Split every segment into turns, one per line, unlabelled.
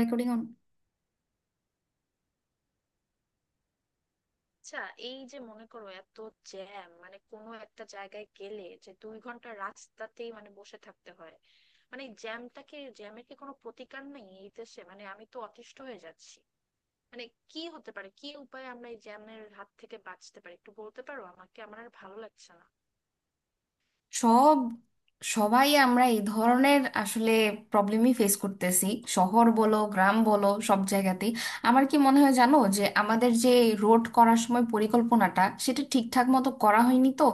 Recording on.
আচ্ছা, এই যে মনে করো, এত জ্যাম, মানে কোনো একটা জায়গায় গেলে যে 2 ঘন্টা রাস্তাতেই মানে বসে থাকতে হয়, মানে এই জ্যামটাকে, জ্যামের কি কোনো প্রতিকার নেই এই দেশে? মানে আমি তো অতিষ্ঠ হয়ে যাচ্ছি। মানে কি হতে পারে, কি উপায়ে আমরা এই জ্যামের হাত থেকে বাঁচতে পারি, একটু বলতে পারো আমাকে? আমার আর ভালো লাগছে না।
সব সবাই আমরা এই ধরনের আসলে প্রবলেমই ফেস করতেছি, শহর বলো গ্রাম বলো সব জায়গাতেই। আমার কি মনে হয় জানো, যে আমাদের যে রোড করার সময় পরিকল্পনাটা সেটা ঠিকঠাক মতো করা হয়নি, তো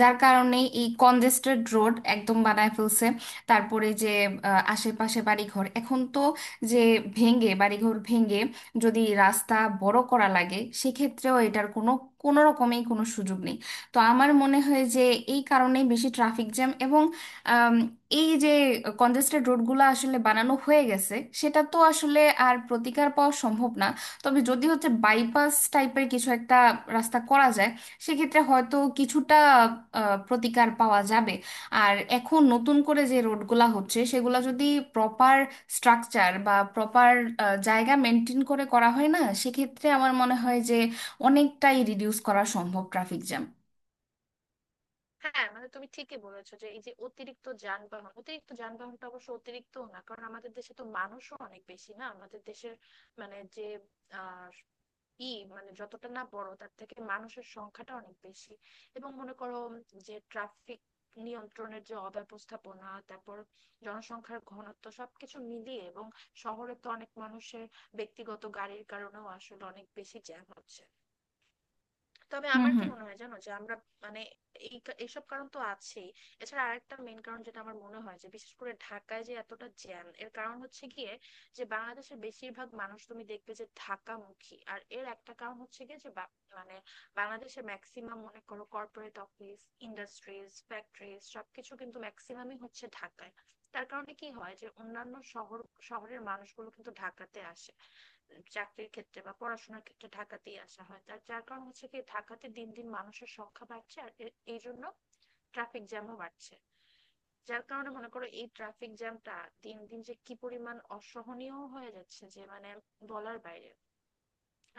যার কারণে এই কনজেস্টেড রোড একদম বানায় ফেলছে। তারপরে যে আশেপাশে বাড়িঘর এখন তো, যে ভেঙে, বাড়িঘর ভেঙে যদি রাস্তা বড় করা লাগে, সেক্ষেত্রেও এটার কোনো কোনো রকমেই কোনো সুযোগ নেই। তো আমার মনে হয় যে এই কারণেই বেশি ট্রাফিক জ্যাম। এবং আম, এই যে কনজেস্টেড রোডগুলো আসলে বানানো হয়ে গেছে, সেটা তো আসলে আর প্রতিকার পাওয়া সম্ভব না। তবে যদি হচ্ছে বাইপাস টাইপের কিছু একটা রাস্তা করা যায়, সেক্ষেত্রে হয়তো কিছুটা প্রতিকার পাওয়া যাবে। আর এখন নতুন করে যে রোডগুলা হচ্ছে সেগুলা যদি প্রপার স্ট্রাকচার বা প্রপার জায়গা মেনটেন করে করা হয় না, সেক্ষেত্রে আমার মনে হয় যে অনেকটাই রিডিউস করা সম্ভব ট্রাফিক জ্যাম।
হ্যাঁ, মানে তুমি ঠিকই বলেছো যে এই যে অতিরিক্ত যানবাহন, অতিরিক্ত যানবাহনটা অবশ্য অতিরিক্ত না, কারণ আমাদের দেশে তো মানুষও অনেক বেশি, না আমাদের দেশের মানে যে ই মানে যতটা না বড়, তার থেকে মানুষের সংখ্যাটা অনেক বেশি। এবং মনে করো যে ট্রাফিক নিয়ন্ত্রণের যে অব্যবস্থাপনা, তারপর জনসংখ্যার ঘনত্ব, সবকিছু মিলিয়ে, এবং শহরে তো অনেক মানুষের ব্যক্তিগত গাড়ির কারণেও আসলে অনেক বেশি জ্যাম হচ্ছে। তবে
হুম,
আমার কি
হুম।
মনে হয় জানো, যে আমরা, মানে, এই এইসব কারণ তো আছেই। এছাড়া আরেকটা মেন কারণ যেটা আমার মনে হয়, যে বিশেষ করে ঢাকায় যে এতটা জ্যাম, এর কারণ হচ্ছে গিয়ে যে বাংলাদেশের বেশিরভাগ মানুষ তুমি দেখবে যে ঢাকামুখী। আর এর একটা কারণ হচ্ছে গিয়ে যে মানে বাংলাদেশে ম্যাক্সিমাম মনে করো কর্পোরেট অফিস, ইন্ডাস্ট্রিজ, ফ্যাক্টরিজ সবকিছু কিন্তু ম্যাক্সিমামই হচ্ছে ঢাকায়। তার কারণে কি হয়, যে অন্যান্য শহরের মানুষগুলো কিন্তু ঢাকাতে আসে, চাকরির ক্ষেত্রে বা পড়াশোনার ক্ষেত্রে ঢাকাতেই আসা হয়। যার কারণ হচ্ছে, কি ঢাকাতে দিন দিন মানুষের সংখ্যা বাড়ছে, আর এই জন্য ট্রাফিক জ্যামও বাড়ছে। যার কারণে মনে করো এই ট্রাফিক জ্যামটা দিন দিন যে কি পরিমাণ অসহনীয় হয়ে যাচ্ছে, যে মানে বলার বাইরে।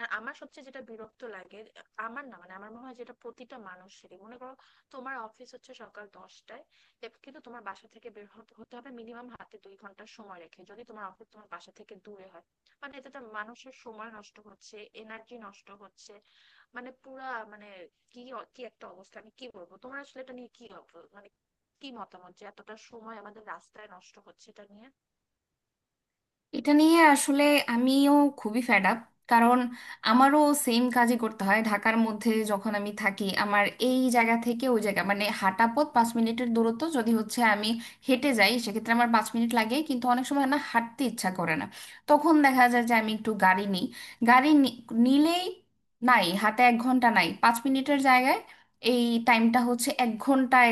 আর আমার সবচেয়ে যেটা বিরক্ত লাগে, আমার না, মানে আমার মনে হয় যেটা প্রতিটা মানুষেরই, মনে করো তোমার অফিস হচ্ছে সকাল 10টায়, কিন্তু তোমার বাসা থেকে বের হতে হতে হবে মিনিমাম হাতে 2 ঘন্টার সময় রেখে, যদি তোমার অফিস তোমার বাসা থেকে দূরে হয়। মানে এতে তো মানুষের সময় নষ্ট হচ্ছে, এনার্জি নষ্ট হচ্ছে, মানে পুরা মানে কি কি একটা অবস্থা। আমি কি বলবো তোমার আসলে এটা নিয়ে, কি মানে কি মতামত, যে এতটা সময় আমাদের রাস্তায় নষ্ট হচ্ছে এটা নিয়ে?
এটা নিয়ে আসলে আমিও খুবই ফেড আপ। কারণ আমারও সেম কাজই করতে হয়। ঢাকার মধ্যে যখন আমি থাকি, আমার এই জায়গা থেকে ওই জায়গা মানে হাঁটা পথ 5 মিনিটের দূরত্ব যদি হচ্ছে, আমি হেঁটে যাই, সেক্ষেত্রে আমার 5 মিনিট লাগে। কিন্তু অনেক সময় না হাঁটতে ইচ্ছা করে না, তখন দেখা যায় যে আমি একটু গাড়ি নিই। গাড়ি নি- নিলেই নাই হাতে 1 ঘন্টা, নাই 5 মিনিটের জায়গায় এই টাইমটা হচ্ছে 1 ঘন্টায়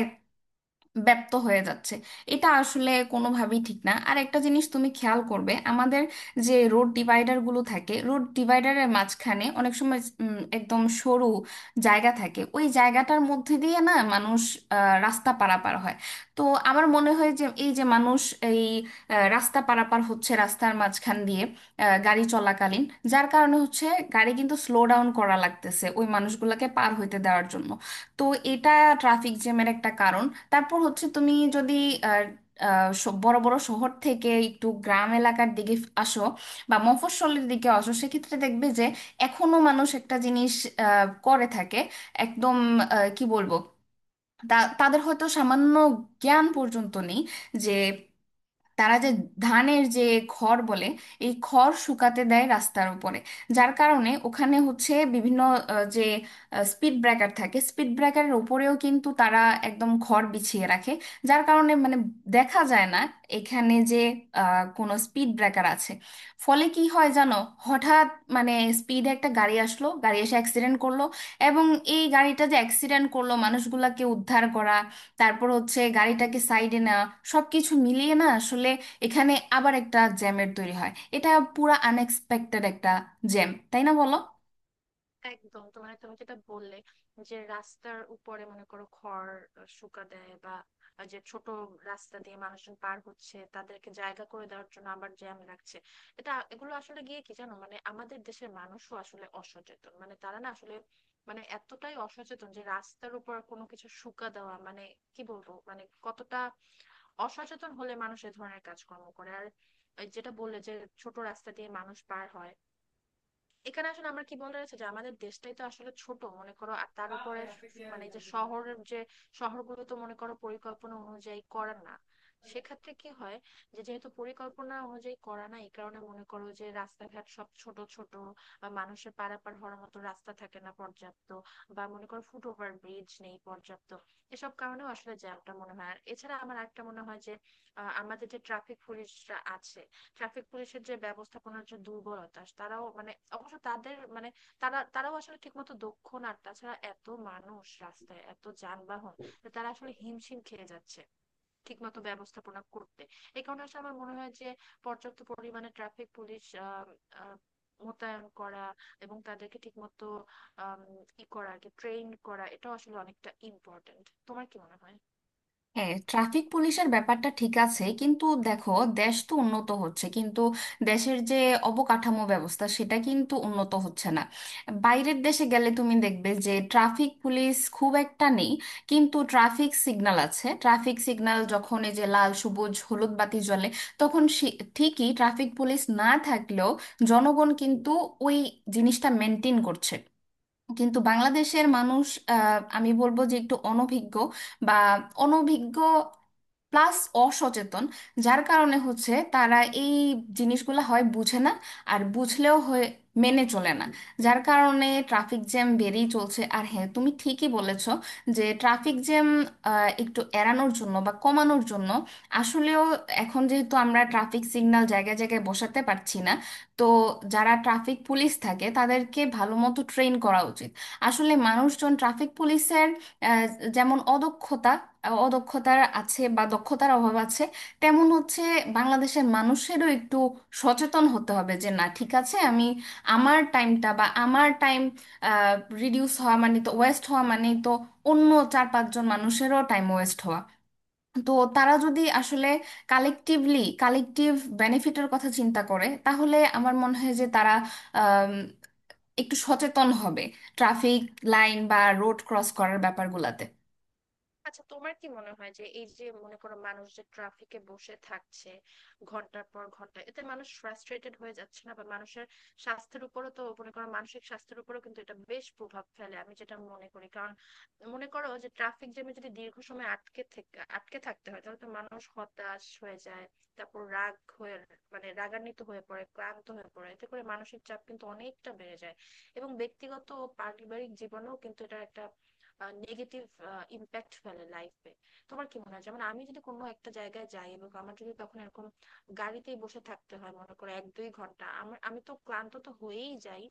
ব্যপ্ত হয়ে যাচ্ছে। এটা আসলে কোনোভাবেই ঠিক না। আর একটা জিনিস তুমি খেয়াল করবে, আমাদের যে রোড ডিভাইডারগুলো থাকে, রোড ডিভাইডারের মাঝখানে অনেক সময় একদম সরু জায়গা থাকে। ওই জায়গাটার মধ্যে দিয়ে না মানুষ রাস্তা পারাপার হয়। তো আমার মনে হয় যে এই যে মানুষ এই রাস্তা পারাপার হচ্ছে রাস্তার মাঝখান দিয়ে গাড়ি চলাকালীন, যার কারণে হচ্ছে গাড়ি কিন্তু স্লো ডাউন করা লাগতেছে ওই মানুষগুলোকে পার হইতে দেওয়ার জন্য। তো এটা ট্রাফিক জ্যামের একটা কারণ। তারপর হচ্ছে তুমি যদি আর, বড় বড় শহর থেকে একটু গ্রাম এলাকার দিকে আসো বা মফস্বলের দিকে আসো, সেক্ষেত্রে দেখবে যে এখনো মানুষ একটা জিনিস করে থাকে। একদম কি বলবো, তাদের হয়তো সামান্য জ্ঞান পর্যন্ত নেই যে তারা যে ধানের যে খড় বলে, এই খড় শুকাতে দেয় রাস্তার উপরে। যার কারণে ওখানে হচ্ছে বিভিন্ন যে স্পিড ব্রেকার থাকে, স্পিড ব্রেকারের উপরেও কিন্তু তারা একদম খড় বিছিয়ে রাখে। যার কারণে মানে দেখা যায় না এখানে যে কোনো স্পিড ব্রেকার আছে। ফলে কি হয় জানো, হঠাৎ মানে স্পিডে একটা গাড়ি আসলো, গাড়ি এসে অ্যাক্সিডেন্ট করলো। এবং এই গাড়িটা যে অ্যাক্সিডেন্ট করলো, মানুষগুলাকে উদ্ধার করা, তারপর হচ্ছে গাড়িটাকে সাইডে নেওয়া, সবকিছু মিলিয়ে না আসলে এখানে আবার একটা জ্যামের তৈরি হয়। এটা পুরা আনএক্সপেক্টেড একটা জ্যাম, তাই না বলো?
একদম। তোমার, তুমি যেটা বললে যে রাস্তার উপরে মনে করো খড় শুকা দেয়, বা যে ছোট রাস্তা দিয়ে মানুষজন পার হচ্ছে তাদেরকে জায়গা করে দেওয়ার জন্য আবার জ্যাম লাগছে, এটা, এগুলো আসলে গিয়ে কি জানো, মানে আমাদের দেশের মানুষও আসলে অসচেতন, মানে তারা না আসলে, মানে এতটাই অসচেতন যে রাস্তার উপর কোনো কিছু শুকা দেওয়া, মানে কি বলবো, মানে কতটা অসচেতন হলে মানুষ এ ধরনের কাজকর্ম করে। আর ওই যেটা বললে যে ছোট রাস্তা দিয়ে মানুষ পার হয়, এখানে আসলে আমার কি বলার আছে, যে আমাদের দেশটাই তো আসলে ছোট মনে করো, আর তার উপরে মানে এই যে শহরের যে শহরগুলো তো মনে করো পরিকল্পনা অনুযায়ী করা না। সেক্ষেত্রে কি হয়, যে যেহেতু পরিকল্পনা অনুযায়ী করা না, এই কারণে মনে করো যে রাস্তাঘাট সব ছোট ছোট, বা মানুষের পারাপার হওয়ার মতো রাস্তা থাকে না পর্যাপ্ত, বা মনে করো ফুটওভার ব্রিজ নেই পর্যাপ্ত। এসব কারণেও আসলে জ্যামটা মনে হয়। আর এছাড়া আমার একটা মনে হয় যে আমাদের যে ট্রাফিক পুলিশরা আছে, ট্রাফিক পুলিশের যে ব্যবস্থাপনার যে দুর্বলতা, তারাও মানে, অবশ্য তাদের মানে তারাও আসলে ঠিকমতো দক্ষ না। আর তাছাড়া এত মানুষ রাস্তায়, এত যানবাহন, যে তারা আসলে হিমশিম খেয়ে যাচ্ছে ঠিকমতো ব্যবস্থাপনা করতে। এই কারণে আসলে আমার মনে হয় যে পর্যাপ্ত পরিমাণে ট্রাফিক পুলিশ আহ আহ, মোতায়েন করা, এবং তাদেরকে ঠিকমতো আম, করা, ট্রেন করা, এটাও আসলে অনেকটা ইম্পর্টেন্ট। তোমার কি মনে হয়?
হ্যাঁ, ট্রাফিক পুলিশের ব্যাপারটা ঠিক আছে, কিন্তু দেখো, দেশ তো উন্নত হচ্ছে কিন্তু দেশের যে অবকাঠামো ব্যবস্থা, সেটা কিন্তু উন্নত হচ্ছে না। বাইরের দেশে গেলে তুমি দেখবে যে ট্রাফিক পুলিশ খুব একটা নেই, কিন্তু ট্রাফিক সিগন্যাল আছে। ট্রাফিক সিগন্যাল যখন এই যে লাল সবুজ হলুদ বাতি জ্বলে, তখন ঠিকই ট্রাফিক পুলিশ না থাকলেও জনগণ কিন্তু ওই জিনিসটা মেনটেন করছে। কিন্তু বাংলাদেশের মানুষ, আমি বলবো যে একটু অনভিজ্ঞ বা অনভিজ্ঞ প্লাস অসচেতন, যার কারণে হচ্ছে তারা এই জিনিসগুলো হয় বুঝে না, আর বুঝলেও হয়ে মেনে চলে না। যার কারণে ট্রাফিক জ্যাম বেড়েই চলছে। আর হ্যাঁ তুমি ঠিকই বলেছ যে ট্রাফিক জ্যাম একটু এড়ানোর জন্য বা কমানোর জন্য আসলেও, এখন যেহেতু আমরা ট্রাফিক সিগন্যাল জায়গায় জায়গায় বসাতে পারছি না, তো যারা ট্রাফিক পুলিশ থাকে তাদেরকে ভালো মতো ট্রেন করা উচিত। আসলে মানুষজন ট্রাফিক পুলিশের যেমন অদক্ষতা অদক্ষতার আছে বা দক্ষতার অভাব আছে, তেমন হচ্ছে বাংলাদেশের মানুষেরও একটু সচেতন হতে হবে, যে না ঠিক আছে আমি আমার টাইমটা বা আমার টাইম রিডিউস হওয়া মানে তো ওয়েস্ট হওয়া, মানে তো অন্য 4-5 জন মানুষেরও টাইম ওয়েস্ট হওয়া। তো তারা যদি আসলে কালেকটিভলি, কালেকটিভ বেনিফিটের কথা চিন্তা করে, তাহলে আমার মনে হয় যে তারা আম, একটু সচেতন হবে ট্রাফিক লাইন বা রোড ক্রস করার ব্যাপারগুলোতে।
আচ্ছা তোমার কি মনে হয় যে এই যে মনে করো মানুষ যে ট্রাফিকে বসে থাকছে ঘন্টার পর ঘন্টা, এতে মানুষ ফ্রাস্ট্রেটেড হয়ে যাচ্ছে না? বা মানুষের স্বাস্থ্যের উপরও তো মনে করো, মানসিক স্বাস্থ্যের উপরও কিন্তু এটা বেশ প্রভাব ফেলে, আমি যেটা মনে করি। কারণ মনে করো যে ট্রাফিক জ্যামে যদি দীর্ঘ সময় আটকে থাকতে হয়, তাহলে তো মানুষ হতাশ হয়ে যায়, তারপর রাগ হয়ে, মানে রাগান্বিত হয়ে পড়ে, ক্লান্ত হয়ে পড়ে। এতে করে মানসিক চাপ কিন্তু অনেকটা বেড়ে যায়, এবং ব্যক্তিগত ও পারিবারিক জীবনেও কিন্তু এটা একটা নেগেটিভ ইম্প্যাক্ট ফেলে লাইফে। তোমার কি মনে হয়? যেমন আমি যদি কোনো একটা জায়গায় যাই, এবং আমার যদি তখন এরকম গাড়িতেই বসে থাকতে হয় মনে করো 1-2 ঘন্টা, আমি তো ক্লান্ত তো হয়েই যাই,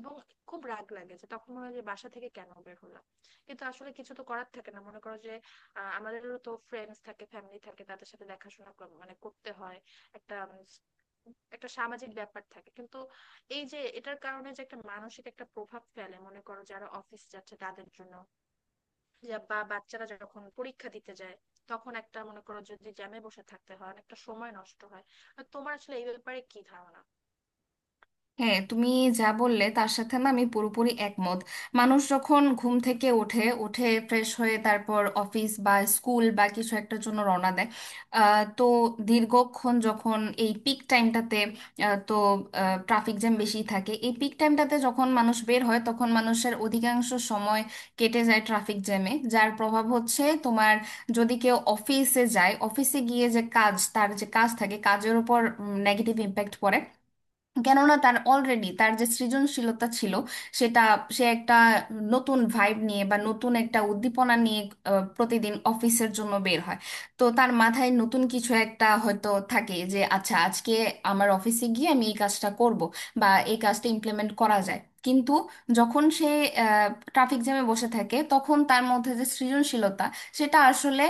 এবং খুব রাগ লাগে। যে তখন মনে হয় যে বাসা থেকে কেন বের হলাম। কিন্তু আসলে কিছু তো করার থাকে না, মনে করো যে আমাদেরও তো ফ্রেন্ডস থাকে, ফ্যামিলি থাকে, তাদের সাথে দেখাশোনা মানে করতে হয়। একটা একটা সামাজিক ব্যাপার থাকে। কিন্তু এই যে এটার কারণে যে একটা মানসিক একটা প্রভাব ফেলে, মনে করো যারা অফিস যাচ্ছে তাদের জন্য, বা বাচ্চারা যখন পরীক্ষা দিতে যায়, তখন একটা মনে করো যদি জ্যামে বসে থাকতে হয়, অনেকটা সময় নষ্ট হয়। আর তোমার আসলে এই ব্যাপারে কি ধারণা?
হ্যাঁ, তুমি যা বললে তার সাথে না আমি পুরোপুরি একমত। মানুষ যখন ঘুম থেকে ওঠে, উঠে ফ্রেশ হয়ে তারপর অফিস বা স্কুল বা কিছু একটার জন্য রওনা দেয়, তো দীর্ঘক্ষণ যখন এই পিক টাইমটাতে, তো ট্রাফিক জ্যাম বেশি থাকে এই পিক টাইমটাতে, যখন মানুষ বের হয় তখন মানুষের অধিকাংশ সময় কেটে যায় ট্রাফিক জ্যামে, যার প্রভাব হচ্ছে তোমার যদি কেউ অফিসে যায়, অফিসে গিয়ে যে কাজ, তার যে কাজ থাকে কাজের উপর নেগেটিভ ইম্প্যাক্ট পড়ে। কেননা তার অলরেডি তার যে সৃজনশীলতা ছিল সেটা, সে একটা নতুন ভাইব নিয়ে বা নতুন একটা উদ্দীপনা নিয়ে প্রতিদিন অফিসের জন্য বের হয়। তো তার মাথায় নতুন কিছু একটা হয়তো থাকে যে আচ্ছা আজকে আমার অফিসে গিয়ে আমি এই কাজটা করব বা এই কাজটা ইমপ্লিমেন্ট করা যায়। কিন্তু যখন সে ট্রাফিক জ্যামে বসে থাকে, তখন তার মধ্যে যে সৃজনশীলতা, সেটা আসলে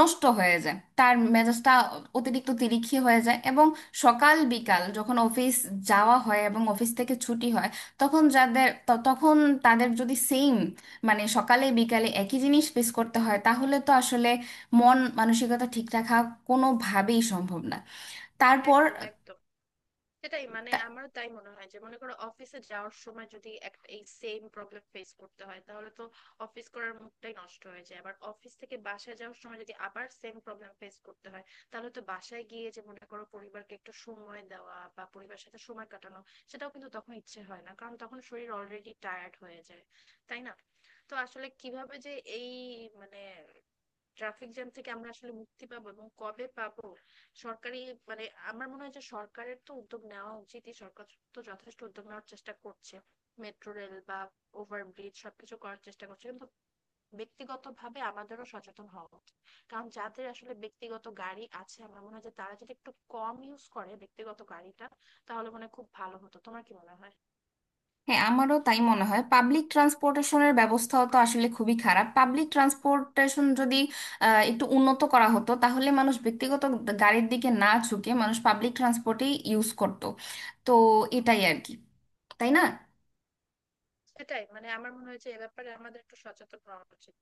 নষ্ট হয়ে যায়, তার মেজাজটা অতিরিক্ত তিরিক্ষি হয়ে যায়। এবং সকাল বিকাল যখন অফিস যাওয়া হয় এবং অফিস থেকে ছুটি হয়, তখন যাদের তখন তাদের যদি সেম মানে সকালে বিকালে একই জিনিস ফেস করতে হয়, তাহলে তো আসলে মন মানসিকতা ঠিক রাখা কোনোভাবেই সম্ভব না। তারপর
একদম একদম, সেটাই। মানে আমারও তাই মনে হয়, যে মনে করো অফিসে যাওয়ার সময় যদি একটা এই সেম প্রবলেম ফেস করতে হয়, তাহলে তো অফিস করার মুডটাই নষ্ট হয়ে যায়। আবার অফিস থেকে বাসায় যাওয়ার সময় যদি আবার সেম প্রবলেম ফেস করতে হয়, তাহলে তো বাসায় গিয়ে যে মনে করো পরিবারকে একটু সময় দেওয়া, বা পরিবারের সাথে সময় কাটানো, সেটাও কিন্তু তখন ইচ্ছে হয় না, কারণ তখন শরীর অলরেডি টায়ার্ড হয়ে যায়। তাই না? তো আসলে কিভাবে যে এই মানে ট্রাফিক জ্যাম থেকে আমরা আসলে মুক্তি পাবো, এবং কবে পাবো? সরকারি, মানে আমার মনে হয় যে সরকারের তো উদ্যোগ নেওয়া উচিত। সরকার তো যথেষ্ট উদ্যোগ নেওয়ার চেষ্টা করছে, মেট্রো রেল বা ওভারব্রিজ সবকিছু করার চেষ্টা করছে, কিন্তু ব্যক্তিগতভাবে আমাদেরও সচেতন হওয়া উচিত। কারণ যাদের আসলে ব্যক্তিগত গাড়ি আছে, আমার মনে হয় যে তারা যদি একটু কম ইউজ করে ব্যক্তিগত গাড়িটা, তাহলে মনে হয় খুব ভালো হতো। তোমার কি মনে হয়?
হ্যাঁ, আমারও তাই মনে হয়। পাবলিক ট্রান্সপোর্টেশনের ব্যবস্থাও তো আসলে খুবই খারাপ। পাবলিক ট্রান্সপোর্টেশন যদি একটু উন্নত করা হতো, তাহলে মানুষ ব্যক্তিগত গাড়ির দিকে না ঝুঁকে মানুষ পাবলিক ট্রান্সপোর্টেই ইউজ করত। তো এটাই আর কি। তাই না?
সেটাই, মানে আমার মনে হয় যে এ ব্যাপারে আমাদের একটু সচেতন হওয়া উচিত।